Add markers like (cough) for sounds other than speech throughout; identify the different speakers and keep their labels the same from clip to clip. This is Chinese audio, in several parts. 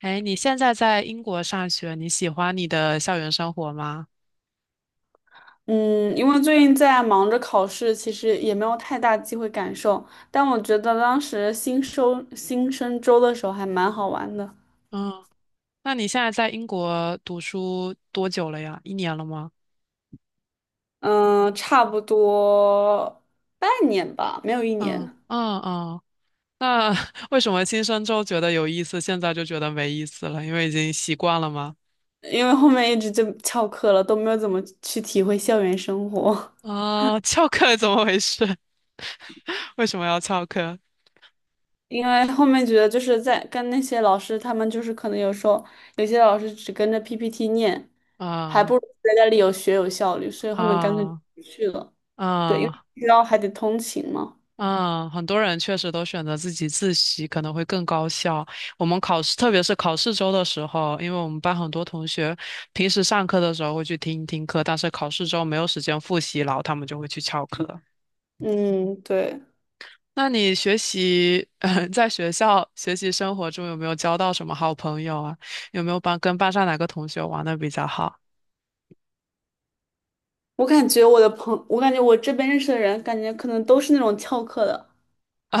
Speaker 1: 哎，你现在在英国上学，你喜欢你的校园生活吗？
Speaker 2: 嗯，因为最近在忙着考试，其实也没有太大机会感受。但我觉得当时新生周的时候还蛮好玩的。
Speaker 1: 嗯，那你现在在英国读书多久了呀？一年了吗？
Speaker 2: 嗯，差不多半年吧，没有一
Speaker 1: 嗯
Speaker 2: 年。
Speaker 1: 嗯嗯，那 (laughs) 为什么新生周觉得有意思，现在就觉得没意思了？因为已经习惯了吗？
Speaker 2: 因为后面一直就翘课了，都没有怎么去体会校园生活。
Speaker 1: 啊、翘课怎么回事？(laughs) 为什么要翘课？
Speaker 2: 因为后面觉得就是在跟那些老师，他们就是可能有时候有些老师只跟着 PPT 念，还
Speaker 1: 啊
Speaker 2: 不如在家里有效率，所以后面干脆
Speaker 1: 啊
Speaker 2: 不去了。对，因为
Speaker 1: 啊！
Speaker 2: 然后还得通勤嘛。
Speaker 1: 嗯，很多人确实都选择自己自习，可能会更高效。我们考试，特别是考试周的时候，因为我们班很多同学平时上课的时候会去听一听课，但是考试周没有时间复习，然后他们就会去翘课。
Speaker 2: 嗯，对，
Speaker 1: 那你学习，(laughs) 在学校学习生活中有没有交到什么好朋友啊？有没有班跟班上哪个同学玩的比较好
Speaker 2: 我感觉我这边认识的人，感觉可能都是那种翘课的。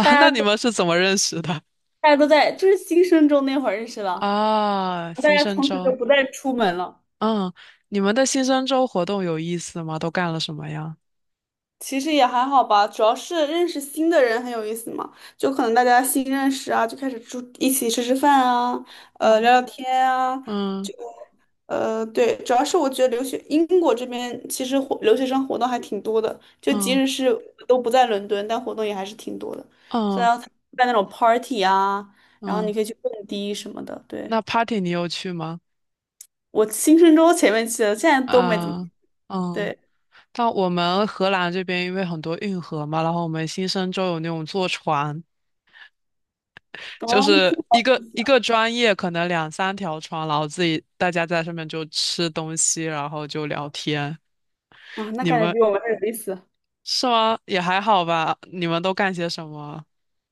Speaker 2: 大
Speaker 1: (laughs) 那
Speaker 2: 家
Speaker 1: 你
Speaker 2: 都
Speaker 1: 们是怎么认识的？
Speaker 2: 大家都在新生中那会儿认识了，
Speaker 1: 啊，
Speaker 2: 大
Speaker 1: 新
Speaker 2: 家
Speaker 1: 生
Speaker 2: 从此就
Speaker 1: 周，
Speaker 2: 不再出门了。
Speaker 1: 嗯，你们的新生周活动有意思吗？都干了什么呀？
Speaker 2: 其实也还好吧，主要是认识新的人很有意思嘛，就可能大家新认识啊，就开始住一起吃吃饭啊，
Speaker 1: 嗯
Speaker 2: 聊聊天啊。
Speaker 1: 嗯
Speaker 2: 就对，主要是我觉得留学英国这边其实留学生活动还挺多的，就即
Speaker 1: 嗯
Speaker 2: 使是都不在伦敦，但活动也还是挺多的，虽
Speaker 1: 嗯
Speaker 2: 然要参加那种 party 啊，然后你
Speaker 1: 嗯，
Speaker 2: 可以去蹦迪什么的。对，
Speaker 1: 那 party 你有去吗？
Speaker 2: 我新生周前面去的，现在都没怎么，
Speaker 1: 啊嗯，
Speaker 2: 对。
Speaker 1: 但我们荷兰这边因为很多运河嘛，然后我们新生州有那种坐船，就
Speaker 2: 哦，那
Speaker 1: 是
Speaker 2: 挺
Speaker 1: 一
Speaker 2: 好
Speaker 1: 个
Speaker 2: 意思
Speaker 1: 一
Speaker 2: 啊。
Speaker 1: 个专业可能两三条船，然后自己大家在上面就吃东西，然后就聊天。
Speaker 2: 啊，那
Speaker 1: 你
Speaker 2: 感觉
Speaker 1: 们
Speaker 2: 比我们还有意思。
Speaker 1: 是吗？也还好吧。你们都干些什么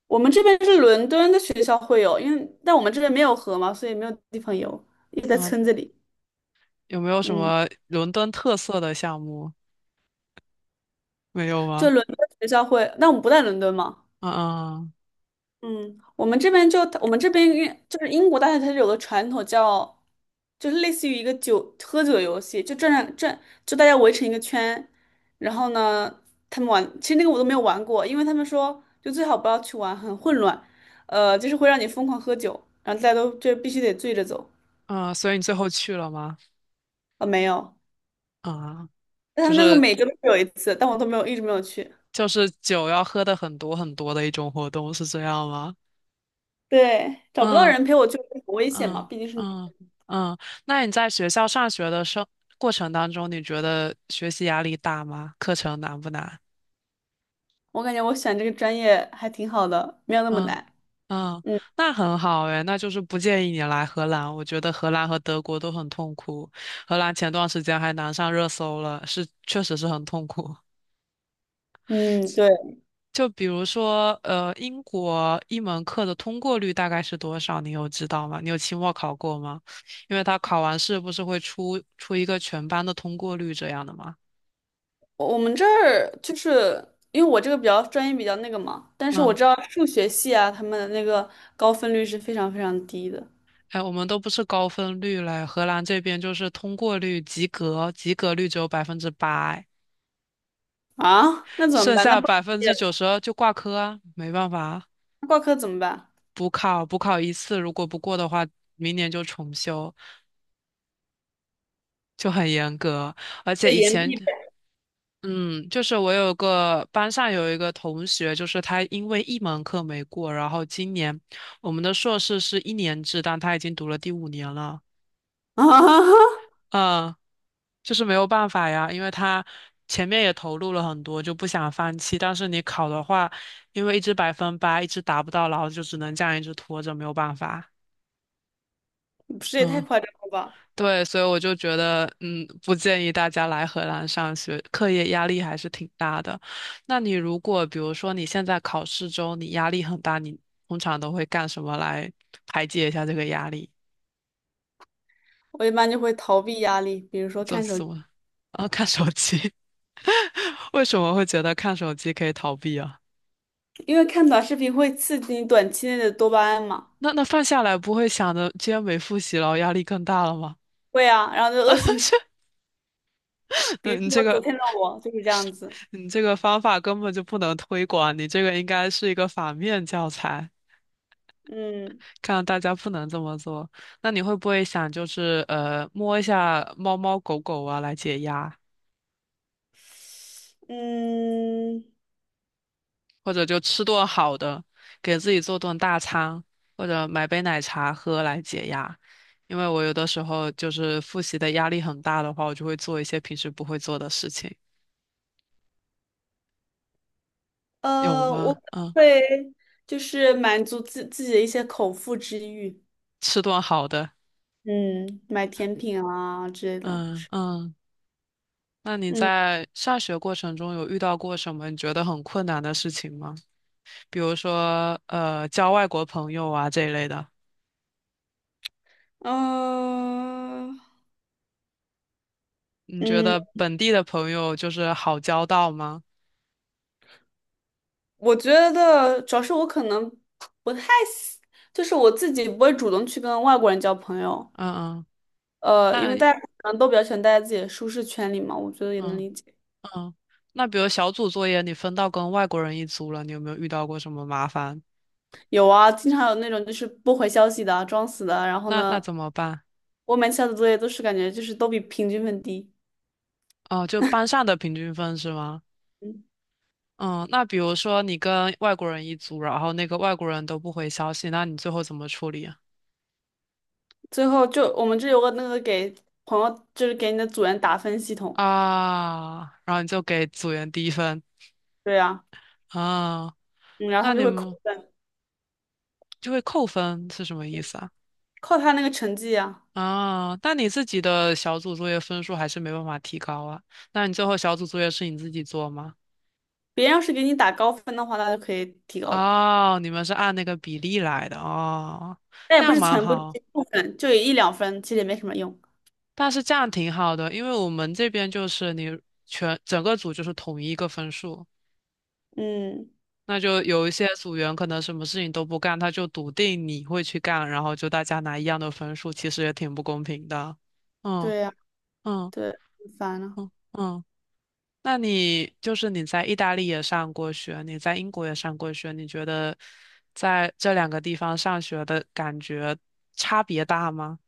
Speaker 2: 我们这边是伦敦的学校会有，因为但我们这边没有河嘛，所以没有地方游，一直在
Speaker 1: 啊？
Speaker 2: 村子里。
Speaker 1: 有没有什
Speaker 2: 嗯，
Speaker 1: 么伦敦特色的项目？没有
Speaker 2: 就
Speaker 1: 吗？
Speaker 2: 伦敦学校会，但我们不在伦敦嘛。
Speaker 1: 嗯嗯
Speaker 2: 嗯，我们这边就是英国大学，它是有个传统叫，就是类似于一个喝酒游戏，就转转，就大家围成一个圈，然后呢，他们玩。其实那个我都没有玩过，因为他们说就最好不要去玩，很混乱。就是会让你疯狂喝酒，然后大家都就必须得醉着走。
Speaker 1: 嗯，嗯所以你最后去了吗？
Speaker 2: 啊、没有。
Speaker 1: 啊，
Speaker 2: 但他
Speaker 1: 就
Speaker 2: 们那个
Speaker 1: 是
Speaker 2: 每个都有一次，但我都没有，一直没有去。
Speaker 1: 就是酒要喝的很多很多的一种活动，是这样吗？
Speaker 2: 对，找不到
Speaker 1: 嗯
Speaker 2: 人陪我去很危险嘛，
Speaker 1: 嗯
Speaker 2: 毕竟是女
Speaker 1: 嗯
Speaker 2: 的。
Speaker 1: 嗯。那你在学校上学的生过程当中，你觉得学习压力大吗？课程难不难？
Speaker 2: 我感觉我选这个专业还挺好的，没有那么
Speaker 1: 嗯
Speaker 2: 难。
Speaker 1: 嗯，
Speaker 2: 嗯
Speaker 1: 那很好诶，那就是不建议你来荷兰。我觉得荷兰和德国都很痛苦，荷兰前段时间还难上热搜了，是确实是很痛苦。
Speaker 2: 嗯，对，
Speaker 1: 就比如说，英国一门课的通过率大概是多少？你有知道吗？你有期末考过吗？因为他考完试不是会出一个全班的通过率这样的吗？
Speaker 2: 我们这儿就是因为我这个专业比较那个嘛，但是我
Speaker 1: 嗯，
Speaker 2: 知道数学系啊，他们的那个高分率是非常非常低的。
Speaker 1: 哎，我们都不是高分率嘞，荷兰这边就是通过率及格，及格率只有8%，
Speaker 2: 啊，那怎么
Speaker 1: 剩
Speaker 2: 办？那
Speaker 1: 下
Speaker 2: 不
Speaker 1: 百分
Speaker 2: 毕业
Speaker 1: 之九
Speaker 2: 了
Speaker 1: 十二就挂科啊，没办法啊
Speaker 2: 那挂科怎么办？
Speaker 1: 补考一次，如果不过的话，明年就重修，就很严格。而
Speaker 2: 得
Speaker 1: 且以
Speaker 2: 延
Speaker 1: 前
Speaker 2: 毕呗。
Speaker 1: 嗯，就是我有个班上有一个同学，就是他因为一门课没过，然后今年我们的硕士是1年制，但他已经读了第5年了。
Speaker 2: (laughs) 啊，
Speaker 1: 嗯，就是没有办法呀，因为他前面也投入了很多，就不想放弃。但是你考的话，因为一直8%，一直达不到，然后就只能这样一直拖着，没有办法。
Speaker 2: 不是也太
Speaker 1: 嗯。
Speaker 2: 夸张了吧？
Speaker 1: 对，所以我就觉得，嗯，不建议大家来荷兰上学，课业压力还是挺大的。那你如果比如说你现在考试中你压力很大，你通常都会干什么来排解一下这个压力？
Speaker 2: 我一般就会逃避压力，比如说
Speaker 1: 做
Speaker 2: 看手。
Speaker 1: 什
Speaker 2: 机。
Speaker 1: 么？啊，看手机。(laughs) 为什么会觉得看手机可以逃避啊？
Speaker 2: 因为看短视频会刺激你短期内的多巴胺嘛。
Speaker 1: 那放下来不会想着今天没复习了，压力更大了吗？
Speaker 2: 会啊，然后就恶性循
Speaker 1: (laughs)
Speaker 2: 比如
Speaker 1: 嗯，你这
Speaker 2: 说昨
Speaker 1: 个
Speaker 2: 天的我就是这样子。
Speaker 1: 你这个方法根本就不能推广，你这个应该是一个反面教材。
Speaker 2: 嗯
Speaker 1: 看到大家不能这么做，那你会不会想摸一下猫猫狗狗啊来解压，
Speaker 2: 嗯。
Speaker 1: 或者就吃顿好的，给自己做顿大餐，或者买杯奶茶喝来解压？因为我有的时候就是复习的压力很大的话，我就会做一些平时不会做的事情，有
Speaker 2: 我
Speaker 1: 吗？
Speaker 2: 可能
Speaker 1: 嗯，
Speaker 2: 会就是满足自己的一些口腹之欲。
Speaker 1: 吃顿好的，
Speaker 2: 嗯，买甜品啊之类的。
Speaker 1: 嗯嗯。那你
Speaker 2: 嗯
Speaker 1: 在上学过程中有遇到过什么你觉得很困难的事情吗？比如说交外国朋友啊这一类的。
Speaker 2: 呃
Speaker 1: 你觉
Speaker 2: 嗯，
Speaker 1: 得本地的朋友就是好交到吗？
Speaker 2: 我觉得主要是我可能不太喜，就是我自己不会主动去跟外国人交朋友。
Speaker 1: 嗯嗯，
Speaker 2: 因
Speaker 1: 那
Speaker 2: 为大家可能都比较喜欢待在自己的舒适圈里嘛，我觉得也能
Speaker 1: 嗯
Speaker 2: 理解。
Speaker 1: 嗯，那比如小组作业你分到跟外国人一组了，你有没有遇到过什么麻烦？
Speaker 2: 有啊，经常有那种就是不回消息的啊，装死的啊，然后
Speaker 1: 那
Speaker 2: 呢，
Speaker 1: 怎么办？
Speaker 2: 我每次交的作业都是感觉就是都比平均分低。
Speaker 1: 哦，就班上的平均分是吗？
Speaker 2: 嗯，
Speaker 1: 嗯，那比如说你跟外国人一组，然后那个外国人都不回消息，那你最后怎么处理啊？
Speaker 2: 最后就我们这有个那个给朋友，就是给你的组员打分系统。
Speaker 1: 啊，然后你就给组员低分
Speaker 2: 对呀。
Speaker 1: 啊，
Speaker 2: 嗯，然后他
Speaker 1: 那
Speaker 2: 们就
Speaker 1: 你
Speaker 2: 会扣
Speaker 1: 们
Speaker 2: 分，
Speaker 1: 就会扣分是什么意思啊？
Speaker 2: 扣他那个成绩啊。
Speaker 1: 啊，但你自己的小组作业分数还是没办法提高啊。那你最后小组作业是你自己做吗？
Speaker 2: 别人要是给你打高分的话，那就可以提高的。
Speaker 1: 哦，你们是按那个比例来的哦，
Speaker 2: 但也不
Speaker 1: 那
Speaker 2: 是
Speaker 1: 蛮
Speaker 2: 全部，
Speaker 1: 好，
Speaker 2: 一部分就有一两分，其实也没什么用。
Speaker 1: 但是这样挺好的，因为我们这边就是你整个组就是统一一个分数，
Speaker 2: 嗯，
Speaker 1: 那就有一些组员可能什么事情都不干，他就笃定你会去干，然后就大家拿一样的分数，其实也挺不公平的。嗯
Speaker 2: 对呀，
Speaker 1: 嗯
Speaker 2: 对，很烦啊。
Speaker 1: 嗯嗯。那你就是你在意大利也上过学，你在英国也上过学，你觉得在这两个地方上学的感觉差别大吗？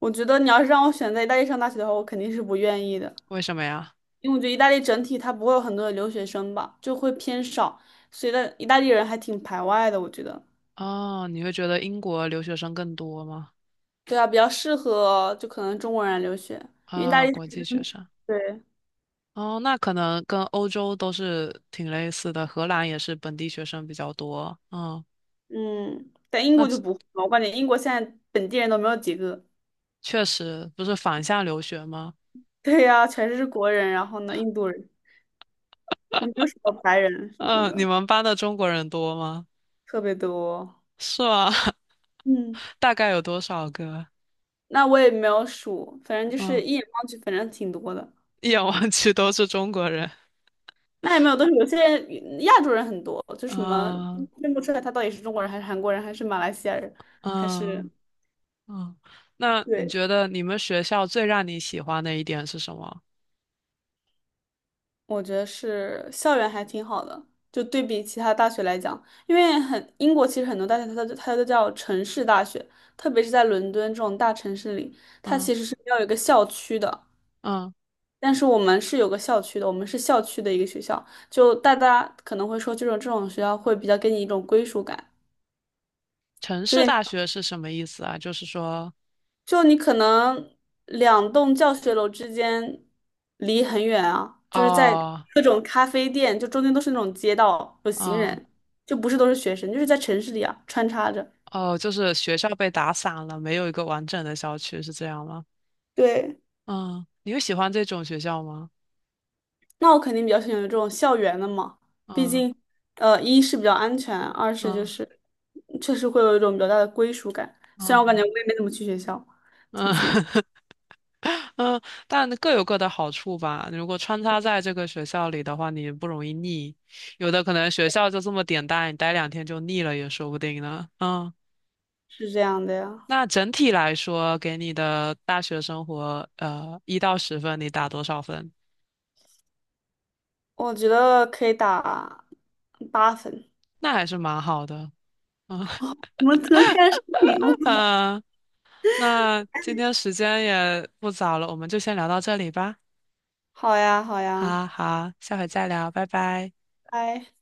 Speaker 2: 我觉得你要是让我选在意大利上大学的话，我肯定是不愿意的。
Speaker 1: 为什么呀？
Speaker 2: 因为我觉得意大利整体它不会有很多的留学生吧，就会偏少，所以的意大利人还挺排外的，我觉得。
Speaker 1: 哦，你会觉得英国留学生更多吗？
Speaker 2: 对啊，比较适合就可能中国人来留学，因为意大
Speaker 1: 啊，
Speaker 2: 利
Speaker 1: 国际
Speaker 2: 学
Speaker 1: 学
Speaker 2: 生
Speaker 1: 生。
Speaker 2: 对。
Speaker 1: 哦，那可能跟欧洲都是挺类似的，荷兰也是本地学生比较多。嗯，
Speaker 2: 嗯，但英
Speaker 1: 那
Speaker 2: 国就
Speaker 1: 确
Speaker 2: 不会嘛，我感觉英国现在本地人都没有几个。
Speaker 1: 确实不是反向留学吗？
Speaker 2: (laughs) 对呀、全是国人，然后呢，印度人，也没有什么白人什么
Speaker 1: 嗯，你
Speaker 2: 的。
Speaker 1: 们班的中国人多吗？
Speaker 2: 特别多。
Speaker 1: 是吗？(laughs)
Speaker 2: 嗯，
Speaker 1: 大概有多少个？
Speaker 2: 那我也没有数，反正就是
Speaker 1: 嗯。
Speaker 2: 一眼望去，反正挺多的。
Speaker 1: (laughs) 一眼望去都是中国人。
Speaker 2: 那也没有都是有些人亚洲人很多，就什么
Speaker 1: 嗯
Speaker 2: 认不出来他到底是中国人还是韩国人还是马来西亚人，还是
Speaker 1: 嗯嗯，那你
Speaker 2: 对。
Speaker 1: 觉得你们学校最让你喜欢的一点是什么？
Speaker 2: 我觉得是校园还挺好的，就对比其他大学来讲，因为英国其实很多大学它都叫城市大学，特别是在伦敦这种大城市里，它
Speaker 1: 嗯
Speaker 2: 其实是要有一个校区的。
Speaker 1: 嗯，
Speaker 2: 但是我们是有个校区的，我们是校区的一个学校，就大家可能会说，这种学校会比较给你一种归属感。
Speaker 1: 城市大
Speaker 2: 就。
Speaker 1: 学是什么意思啊？就是说，
Speaker 2: 就你可能两栋教学楼之间离很远啊，就是在
Speaker 1: 哦，
Speaker 2: 各种咖啡店，就中间都是那种街道，有行
Speaker 1: 嗯
Speaker 2: 人，就不是都是学生，就是在城市里啊穿插着。
Speaker 1: 哦，就是学校被打散了，没有一个完整的校区，是这样吗？
Speaker 2: 对，
Speaker 1: 嗯，你有喜欢这种学校吗？
Speaker 2: 那我肯定比较喜欢这种校园的嘛。毕
Speaker 1: 嗯
Speaker 2: 竟，一是比较安全，二是就
Speaker 1: 嗯
Speaker 2: 是确实会有一种比较大的归属感。虽然我感觉
Speaker 1: 嗯
Speaker 2: 我也没怎么去学校，最
Speaker 1: 嗯，
Speaker 2: 近
Speaker 1: (laughs) 嗯，但各有各的好处吧。如果穿插在这个学校里的话，你不容易腻。有的可能学校就这么点大，你待两天就腻了也说不定呢。嗯，
Speaker 2: 是这样的呀。
Speaker 1: 那整体来说，给你的大学生活，1到10分，你打多少分？
Speaker 2: 我觉得可以打八分。
Speaker 1: 那还是蛮好的。嗯
Speaker 2: 我们可能看上身体了。
Speaker 1: (laughs)，嗯那今天时间也不早了，我们就先聊到这里吧。
Speaker 2: 好呀，好呀，
Speaker 1: 好好，下回再聊，拜拜。
Speaker 2: 拜。